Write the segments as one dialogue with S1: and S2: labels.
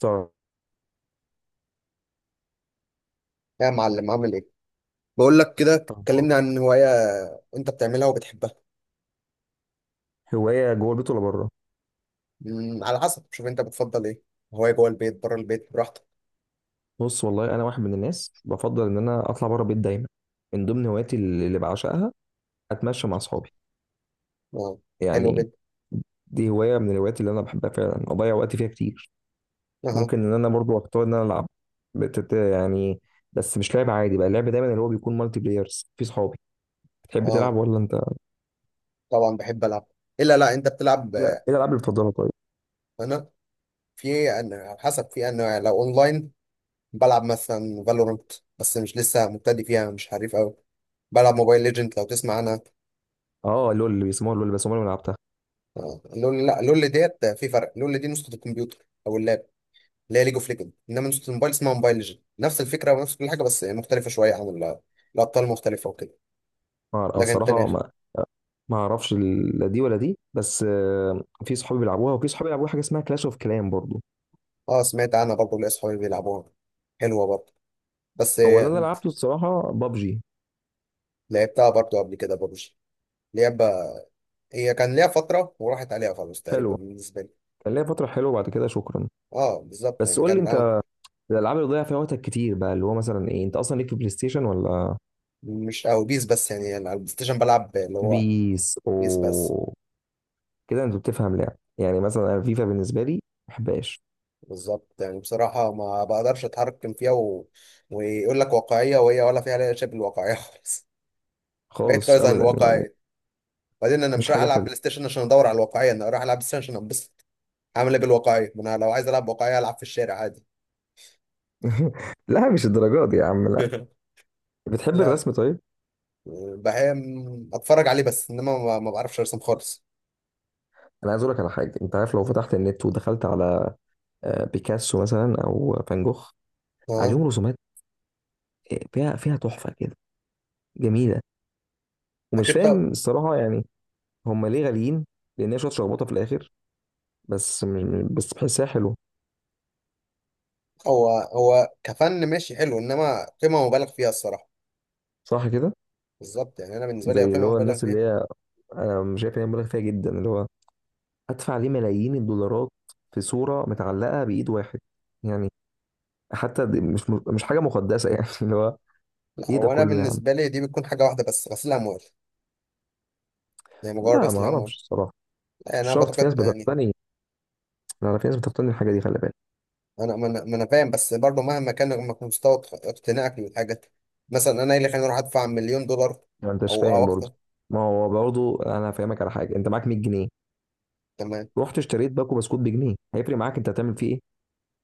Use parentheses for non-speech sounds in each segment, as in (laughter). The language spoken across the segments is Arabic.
S1: طب،
S2: يا معلم، عامل ايه؟ بقول لك كده، اتكلمنا عن هواية انت بتعملها وبتحبها.
S1: هواية جوه البيت ولا بره؟
S2: على حسب، شوف انت بتفضل ايه. هواية جوه البيت، بره البيت، براحتك.
S1: بص والله أنا واحد من الناس بفضل إن أنا أطلع بره البيت دايما. من ضمن هواياتي اللي بعشقها أتمشى مع أصحابي
S2: اه، حلو
S1: يعني.
S2: جدا.
S1: دي هواية من الهوايات اللي أنا بحبها فعلا، أضيع وقتي فيها كتير.
S2: اه.
S1: ممكن إن أنا برضو أختار إن أنا ألعب. يعني بس مش لعب عادي بقى، اللعب دايما اللي هو بيكون مالتي بلايرز في صحابي. تحب
S2: اه،
S1: تلعب ولا أنت؟
S2: طبعا بحب العب. الا لا، انت بتلعب.
S1: إيه الألعاب اللي بتفضلها طيب؟
S2: انا في، انا على حسب، في انا لو اونلاين بلعب مثلا فالورانت، بس مش لسه مبتدئ فيها، مش حريف قوي. بلعب موبايل ليجند، لو تسمع عنها.
S1: أه لول، اللي بيسموها لول، بس عمري ما لعبتها.
S2: لول. لا، لول ديت في فرق. لول دي نسخة الكمبيوتر او اللاب، اللي هي ليج اوف ليجند، انما نسخه الموبايل اسمها موبايل ليجند. نفس الفكره ونفس كل حاجه، بس مختلفه شويه عن ال-، الابطال مختلفه وكده.
S1: أه
S2: لكن التانية،
S1: الصراحة ما اعرفش لا دي ولا دي، بس في صحابي بيلعبوها وفي صحابي بيلعبوا حاجه اسمها كلاش اوف كلان برضو.
S2: اه سمعت عنها برضه، ليا اصحابي بيلعبوها. حلوه برضه. بس
S1: هو اللي انا لعبته الصراحه بابجي.
S2: لعبتها برضه قبل كده ببجي. لعبة هي كان ليها فتره وراحت عليها خلاص تقريبا
S1: حلوه،
S2: بالنسبه لي.
S1: كان ليا فتره حلوه بعد كده شكرا.
S2: اه بالظبط
S1: بس
S2: يعني
S1: قول لي
S2: كان
S1: انت، الالعاب اللي ضيع فيها وقتك كتير بقى اللي هو مثلا ايه؟ انت اصلا ليك في بلاي ستيشن ولا؟
S2: مش قوي بيس. بس يعني، على البلاي ستيشن بلعب اللي هو
S1: بيس
S2: بيس بس.
S1: او كده؟ انت بتفهم لعب يعني؟ مثلا انا فيفا بالنسبه لي ما بحبهاش
S2: بالظبط يعني، بصراحه ما بقدرش اتحرك فيها ويقول لك واقعيه، وهي ولا فيها شبه الواقعيه (laughs) خالص. بعيد
S1: خالص
S2: خالص عن
S1: ابدا يعني،
S2: الواقعية. بعدين انا
S1: مش
S2: مش رايح
S1: حاجه
S2: العب
S1: حلوه.
S2: بلاي ستيشن عشان ادور على الواقعية، انا رايح العب بلاي ستيشن عشان انبسط. عامل ايه بالواقعية؟ ما انا لو عايز العب واقعية العب في الشارع عادي.
S1: (laughs) لا، مش الدرجات دي يا عم، لا.
S2: (laughs)
S1: بتحب
S2: لا،
S1: الرسم طيب؟
S2: بحب اتفرج عليه بس، انما ما بعرفش ارسم خالص.
S1: انا عايز اقول لك على حاجه، انت عارف لو فتحت النت ودخلت على بيكاسو مثلا او فان جوخ،
S2: اه
S1: عليهم رسومات فيها تحفه كده، جميله، ومش
S2: اكيد، طب.
S1: فاهم الصراحه يعني هم ليه غاليين؟ لان هي شويه شخبطه في الاخر، بس مش، بس بحسها حلو.
S2: هو كفن ماشي حلو، انما قيمة مبالغ فيها الصراحة.
S1: صح كده.
S2: بالظبط يعني، انا بالنسبة لي هي
S1: زي اللي
S2: قيمة
S1: هو
S2: مبالغ
S1: الناس
S2: فيها.
S1: اللي هي، انا مش شايف ان هي مبالغ فيها جدا، اللي هو ادفع ليه ملايين الدولارات في صوره متعلقه بايد واحد يعني. حتى دي مش حاجه مقدسه يعني، (laughs) اللي هو
S2: لا،
S1: ايه ده
S2: هو انا
S1: كله يا عم؟
S2: بالنسبة لي دي بتكون حاجة واحدة بس، غسيل اموال. يعني مجرد
S1: لا ما
S2: غسيل اموال.
S1: اعرفش الصراحه،
S2: يعني
S1: مش
S2: انا
S1: شرط، في ناس
S2: بعتقد يعني.
S1: بتقتني. لا لا، في ناس بتقتني الحاجه دي خلي بالك.
S2: انا ما انا، ما أنا فاهم، بس برضه مهما كان مك- مستوى اق- اقتناعك للحاجات، مثلا انا ايه اللي خليني اروح ادفع 1000000 دولار
S1: ما انتش
S2: او
S1: فاهم
S2: اكتر.
S1: برضه. ما هو برضه انا فاهمك على حاجه، انت معاك 100 جنيه،
S2: تمام.
S1: رحت اشتريت باكو بسكوت بجنيه، هيفرق معاك؟ انت هتعمل فيه ايه؟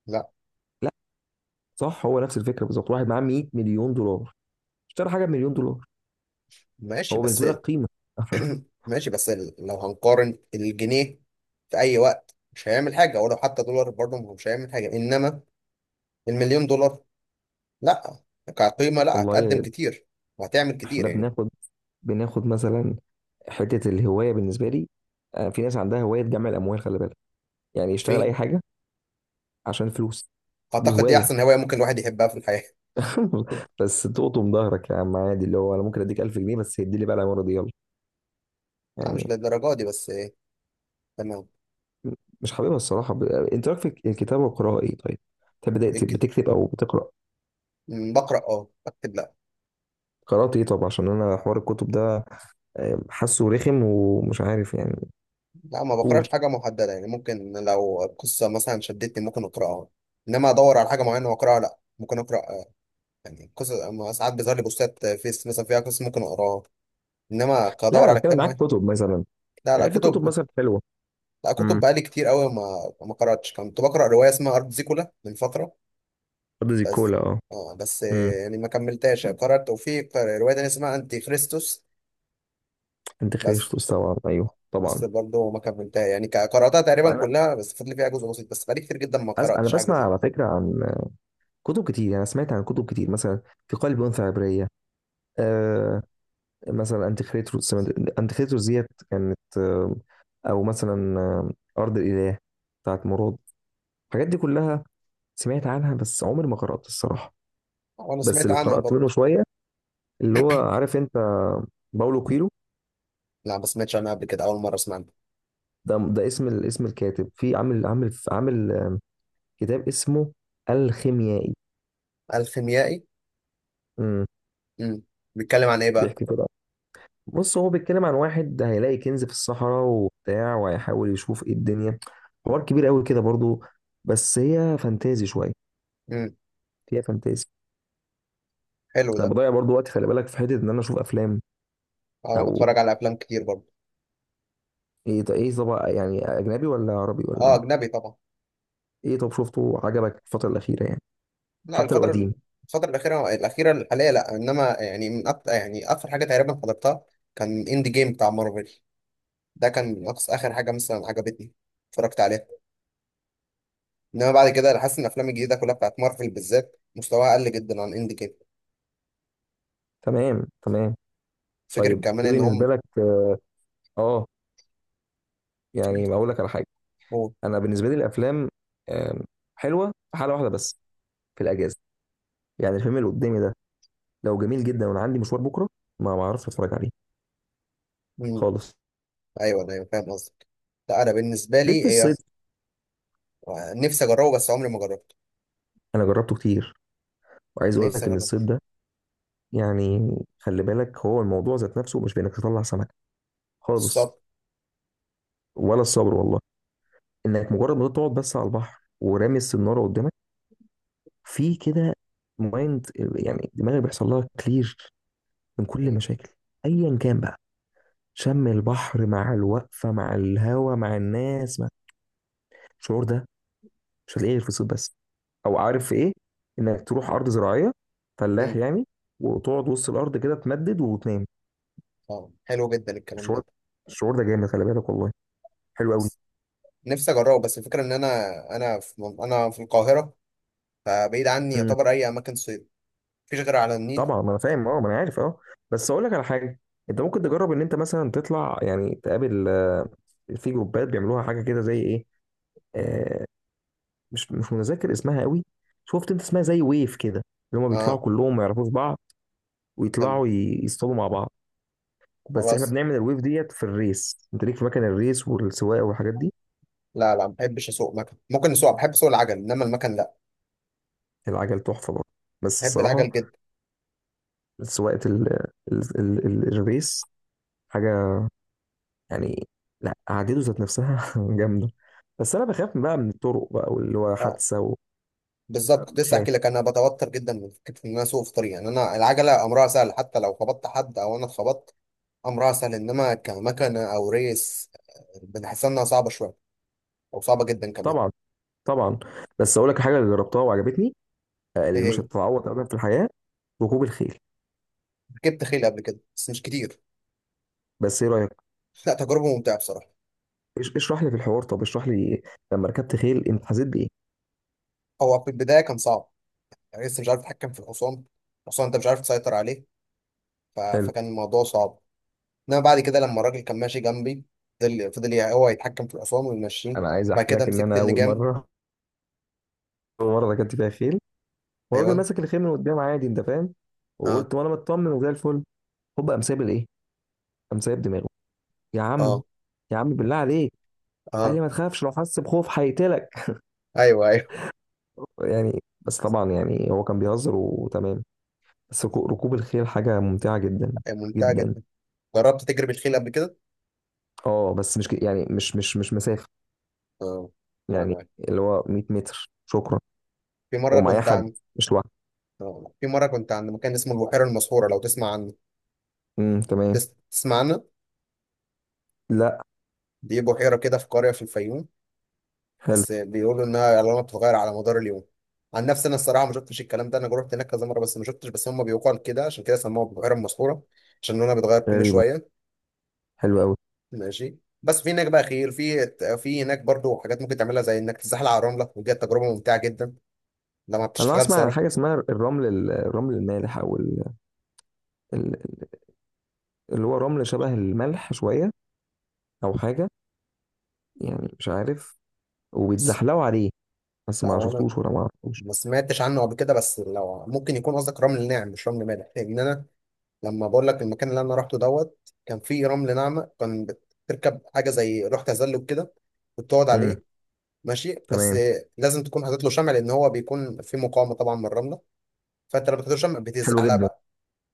S2: لا.
S1: لا. صح، هو نفس الفكره بالظبط. واحد معاه 100 مليون دولار اشترى حاجه بمليون دولار،
S2: ماشي
S1: هو
S2: بس.
S1: بالنسبه لك قيمه؟ (laughs)
S2: (clears throat) ماشي بس، لو هنقارن الجنيه في اي وقت مش هيعمل حاجه، ولو حتى دولار برضه ما هو مش هيعمل حاجه، انما المليون دولار لا، كقيمه لا،
S1: والله
S2: هتقدم
S1: يا-
S2: كتير وهتعمل كتير
S1: احنا
S2: يعني.
S1: بناخد، بناخد مثلا حته الهوايه بالنسبه لي، في ناس عندها هوايه جمع الاموال خلي بالك. يعني يشتغل
S2: في
S1: اي حاجه عشان فلوس. دي
S2: اعتقد دي
S1: هوايه.
S2: احسن هوايه ممكن الواحد يحبها في الحياه. (laughs)
S1: (laughs) بس تقطم ظهرك يا عم عادي، اللي هو انا ممكن اديك 1000 جنيه بس هدي لي بقى العماره دي يلا،
S2: لا، مش
S1: يعني.
S2: للدرجه دي بس تمام.
S1: مش حاببها الصراحة. انت رايك في الكتابة والقراءة ايه طيب؟ انت بدأت
S2: الك-،
S1: بتكتب او بتقرأ؟
S2: بقرا اه، بكتب لا.
S1: قرأت ايه طب؟ عشان انا حوار الكتب ده حاسه رخم ومش عارف يعني.
S2: لا، ما
S1: قول.
S2: بقراش حاجة محددة يعني، ممكن لو قصة مثلا شدتني ممكن أقرأها، إنما أدور على حاجة معينة وأقرأها لا. ممكن أقرأ يعني قصة، ما ساعات بيظهر لي بوستات فيس مثلا فيها قصة ممكن أقراها، إنما
S1: لا
S2: أدور
S1: انا
S2: على
S1: بتكلم
S2: كتاب
S1: معاك
S2: معين.
S1: كتب مثلا،
S2: لا، لا،
S1: يعني في
S2: كتب.
S1: كتب مثلا حلوة.
S2: لا، كتب
S1: امم.
S2: بقالي كتير أوي ما قرأتش. كنت بقرأ رواية اسمها أرض زيكولا من فترة
S1: أرض زي
S2: بس.
S1: الكولا، اه.
S2: آه بس
S1: امم.
S2: يعني ما كملتهاش، قرأت وفي قر- رواية تانية اسمها أنتي خريستوس
S1: انت خريج
S2: بس.
S1: طبعا، ايوه طبعا.
S2: بس برضه ما كملتها يعني، ك- قرأتها تقريبا
S1: انا
S2: كلها بس فاضل فيها جزء بسيط، بس بقالي كتير جدا ما
S1: انا
S2: قرأتش حاجة
S1: بسمع
S2: زي.
S1: على فكرة عن كتب كتير يعني. انا سمعت عن كتب كتير مثلا، في قلب انثى عبرية، آه، يعني مثلا انتيخريتروس، انتيخريتروس ديت كانت، او مثلا ارض الاله بتاعت مراد، الحاجات دي كلها سمعت عنها بس عمري ما قرأت الصراحه.
S2: وانا
S1: بس
S2: سمعت
S1: اللي
S2: عنها
S1: قرأت
S2: برضه.
S1: منه شويه اللي هو عارف انت، باولو كويلو.
S2: لا، ما سمعتش عنها قبل كده، اول مره اسمع عنها.
S1: ده ده اسم اسم الكاتب. في عامل كتاب اسمه الخيميائي.
S2: الخيميائي.
S1: امم.
S2: امم. بيتكلم عن ايه بقى؟
S1: بيحكي كده، بص هو بيتكلم عن واحد هيلاقي كنز في الصحراء وبتاع، وهيحاول يشوف ايه الدنيا. حوار كبير قوي كده برضو. بس هي فانتازي شويه،
S2: امم.
S1: فيها فانتازي.
S2: حلو
S1: انا
S2: ده.
S1: بضيع برضو وقت خلي بالك في حته ان انا اشوف افلام.
S2: انا
S1: او
S2: بتفرج على افلام كتير برضه.
S1: ايه طب؟ ايه طب يعني، اجنبي ولا عربي
S2: اه،
S1: ولا؟
S2: اجنبي طبعا.
S1: ايه طب شفته عجبك الفتره الاخيره يعني؟
S2: لا
S1: حتى لو
S2: الفتره،
S1: قديم.
S2: الفتره الاخيره، الحاليه لا، انما يعني من أكتر، يعني اخر حاجه تقريبا حضرتها كان اند جيم بتاع مارفل. ده كان اقصى اخر حاجه مثلا عجبتني، اتفرجت عليها. انما بعد كده انا حاسس ان الافلام الجديده كلها بتاعت مارفل بالذات مستواها قل جدا عن اند جيم.
S1: تمام تمام.
S2: فكره
S1: طيب
S2: كمان
S1: ايه
S2: ان
S1: بالنسبه
S2: هم.
S1: لك؟ اه. يعني اقول لك على حاجه،
S2: هو.
S1: انا بالنسبه لي الافلام آم، حلوه في حاله واحده بس، في الاجازه. يعني الفيلم اللي قدامي ده لو جميل جدا وانا عندي مشوار بكره، ما اعرفش اتفرج عليه
S2: مم.
S1: خالص.
S2: ايوه، ايوه، أيوة، فاهم قصدك. لا، انا بالنسبه
S1: ليه في
S2: لي هي،
S1: الصيد؟
S2: نفسي اجربه بس عمري ما جربته.
S1: انا جربته كتير وعايز اقول
S2: نفسي
S1: لك ان
S2: اجربه.
S1: الصيد ده يعني، خلي بالك، هو الموضوع ذات نفسه مش بانك تطلع سمك خالص،
S2: الصبر.
S1: ولا الصبر والله. انك مجرد ما تقعد بس على البحر ورامي السناره قدامك، في كده مايند يعني، دماغك بيحصل لها كلير من كل
S2: مم.
S1: المشاكل ايا كان بقى. شم البحر مع الوقفه مع الهوا مع الناس مع، الشعور ده مش هتلاقيه غير في الصيف بس. او عارف في ايه؟ انك تروح ارض زراعيه، فلاح
S2: مم.
S1: يعني، وتقعد وسط الارض كده تمدد وتنام.
S2: اه، حلو جدا الكلام
S1: الشعور،
S2: ده.
S1: الشعور ده جامد خلي بالك والله، حلو قوي.
S2: نفسي اجربه بس الفكره ان انا، انا في من-، انا في القاهره، فبعيد عني يعتبر اي اماكن صيد، مفيش غير على النيل.
S1: طبعا ما انا فاهم اه، ما انا عارف اه. بس اقول لك على حاجه، انت ممكن تجرب ان انت مثلا تطلع يعني تقابل، في جروبات بيعملوها حاجه كده زي ايه، آه مش متذكر اسمها قوي. شفت انت اسمها زي ويف كده، اللي هم بيطلعوا
S2: اه.
S1: كلهم ما يعرفوش بعض
S2: تمام.
S1: ويطلعوا يصطادوا مع بعض. بس احنا
S2: خلاص.
S1: بنعمل الويف ديت في الريس، انت ليك في مكان الريس والسواقه والحاجات دي؟
S2: لا، لا، ما بحبش اسوق مكن. ممكن اسوق، بحب اسوق العجل انما المكن لا.
S1: العجل تحفه برضه، بس
S2: بحب العجل
S1: الصراحه
S2: جدا.
S1: سواقه ال الريس حاجه يعني، لا قعدته ذات نفسها (laughs) جامده. بس انا بخاف بقى من الطرق بقى واللي هو
S2: اه
S1: حادثه
S2: بالظبط، كنت لسه
S1: وبخاف.
S2: احكي لك انا بتوتر جدا من فكره ان انا اسوق في طريق. يعني انا العجله امرها سهل، حتى لو خبطت حد او انا اتخبطت امر اسهل، انما كمكنه او ريس بنحسها انها صعبه شويه، او صعبه جدا كمان.
S1: طبعا طبعا. بس اقول لك حاجه اللي جربتها وعجبتني
S2: ايه
S1: اللي مش
S2: هي؟
S1: هتتعوض ابدا في الحياه، ركوب الخيل.
S2: ركبت خيل قبل كده بس مش كتير.
S1: بس ايه رايك؟
S2: لا، تجربه ممتعه بصراحه.
S1: اشرح لي في الحوار طب، اشرح لي لما ركبت خيل انت حسيت بايه.
S2: هو في البدايه كان صعب، يعني لسه مش عارف اتحكم في الحصان، الحصان انت مش عارف تسيطر عليه،
S1: حلو.
S2: فكان الموضوع صعب. انما بعد كده لما الراجل كان ماشي جنبي، فضل ي- هو يتحكم في الحصان ويمشيه.
S1: انا عايز
S2: بعد
S1: احكي
S2: كده
S1: لك ان
S2: مسكت
S1: انا اول
S2: اللجام.
S1: مره، (laughs) اول مره ركبت فيها خيل والراجل
S2: ايوه.
S1: ماسك الخيل من قدام عادي، انت فاهم،
S2: اه.
S1: وقلت وانا مطمن وزي الفل، هوب قام سايب الايه، قام سايب دماغه. يا عم،
S2: اه.
S1: يا عم بالله عليك. قال
S2: اه.
S1: لي ما تخافش لو حس بخوف هيقتلك.
S2: ايوه، ايوه،
S1: يعني بس طبعا يعني هو كان بيهزر وتمام. بس ركوب الخيل حاجة ممتعة جدا
S2: أيوه، ممتعه
S1: جدا.
S2: جدا. جربت تجري بالخيل قبل كده؟
S1: اه بس مش يعني مش مسافة،
S2: اه. انا
S1: يعني اللي هو 100 متر شكرا،
S2: في مره
S1: ومعايا
S2: كنت،
S1: حد مش لوحدي.
S2: اه في مرة كنت عند مكان اسمه البحيرة المسحورة، لو تسمع عنه.
S1: تمام.
S2: تس- تسمع عنه.
S1: لا.
S2: دي بحيرة كده في قرية في الفيوم،
S1: حلو.
S2: بس بيقولوا إنها ألوانها بتتغير على مدار اليوم. عن نفسي أنا الصراحة ما شفتش الكلام ده، أنا جربت هناك كذا مرة بس ما شفتش، بس هم بيقال كده، عشان كده سموها البحيرة المسحورة، عشان لونها بيتغير كل
S1: غريبة،
S2: شوية.
S1: حلو قوي.
S2: ماشي بس. في هناك بقى خيل، في هناك برضو حاجات ممكن تعملها زي إنك تزحلق على الرملة، ودي تجربة ممتعة جدا لما
S1: انا
S2: بتشتغل
S1: اسمع عن
S2: سيارة.
S1: حاجة اسمها الرمل الرمل المالح او ال- اللي هو رمل شبه الملح شوية او حاجة يعني، مش عارف،
S2: بس.
S1: وبيتزحلقوا عليه. بس
S2: لا،
S1: ما
S2: هو أنا
S1: شفتوش ولا ما عرفتوش.
S2: ما سمعتش عنه قبل كده، بس لو ممكن يكون قصدك رمل ناعم مش رمل مالح، لأن أنا لما بقول لك المكان اللي انا رحته دوت كان فيه رمل ناعمه. كان بتركب حاجه زي لوح تزلج كده وتقعد
S1: امم
S2: عليه. ماشي بس
S1: تمام.
S2: لازم تكون حاطط له شمع، لان هو بيكون فيه مقاومه طبعا من الرمله، فانت لما بتحط له شمع
S1: حلو
S2: بتزحلق
S1: جدا.
S2: بقى.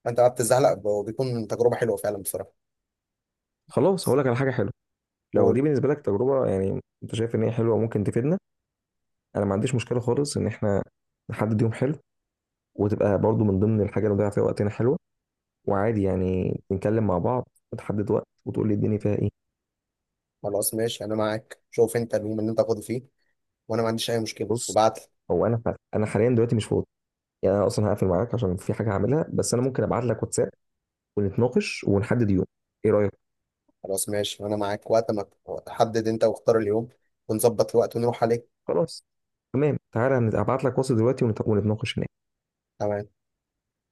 S2: فانت بقى بتزحلق وبيكون تجربه حلوه فعلا بصراحه.
S1: خلاص هقول لك على حاجه حلوه، لو دي
S2: قول.
S1: بالنسبه لك تجربه يعني انت شايف ان هي حلوه وممكن تفيدنا. انا ما عنديش مشكله خالص ان احنا نحدد يوم حلو، وتبقى برضو من ضمن الحاجه اللي نضيع فيها وقتنا حلوه. وعادي يعني نتكلم مع بعض وتحدد وقت وتقول لي الدنيا فيها ايه.
S2: خلاص ماشي، انا معاك، شوف انت اليوم اللي انت فاضي فيه وانا ما عنديش اي مشكله
S1: بص،
S2: وابعت لي.
S1: هو انا فعلا، انا حاليا دلوقتي مش فاضي، يعني انا اصلا هقفل معاك عشان في حاجه هعملها. بس انا ممكن ابعت لك واتساب ونتناقش ونحدد يوم، ايه رايك؟
S2: خلاص ماشي، وانا معاك وقت ما تحدد انت واختار اليوم ونظبط الوقت ونروح عليه.
S1: خلاص تمام، تعالى هبعت لك واتس دلوقتي ونتناقش هناك.
S2: تمام.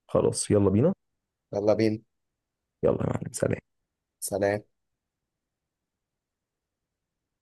S1: خلاص يلا بينا.
S2: يلا بينا.
S1: يلا يا معلم، سلام.
S2: سلام.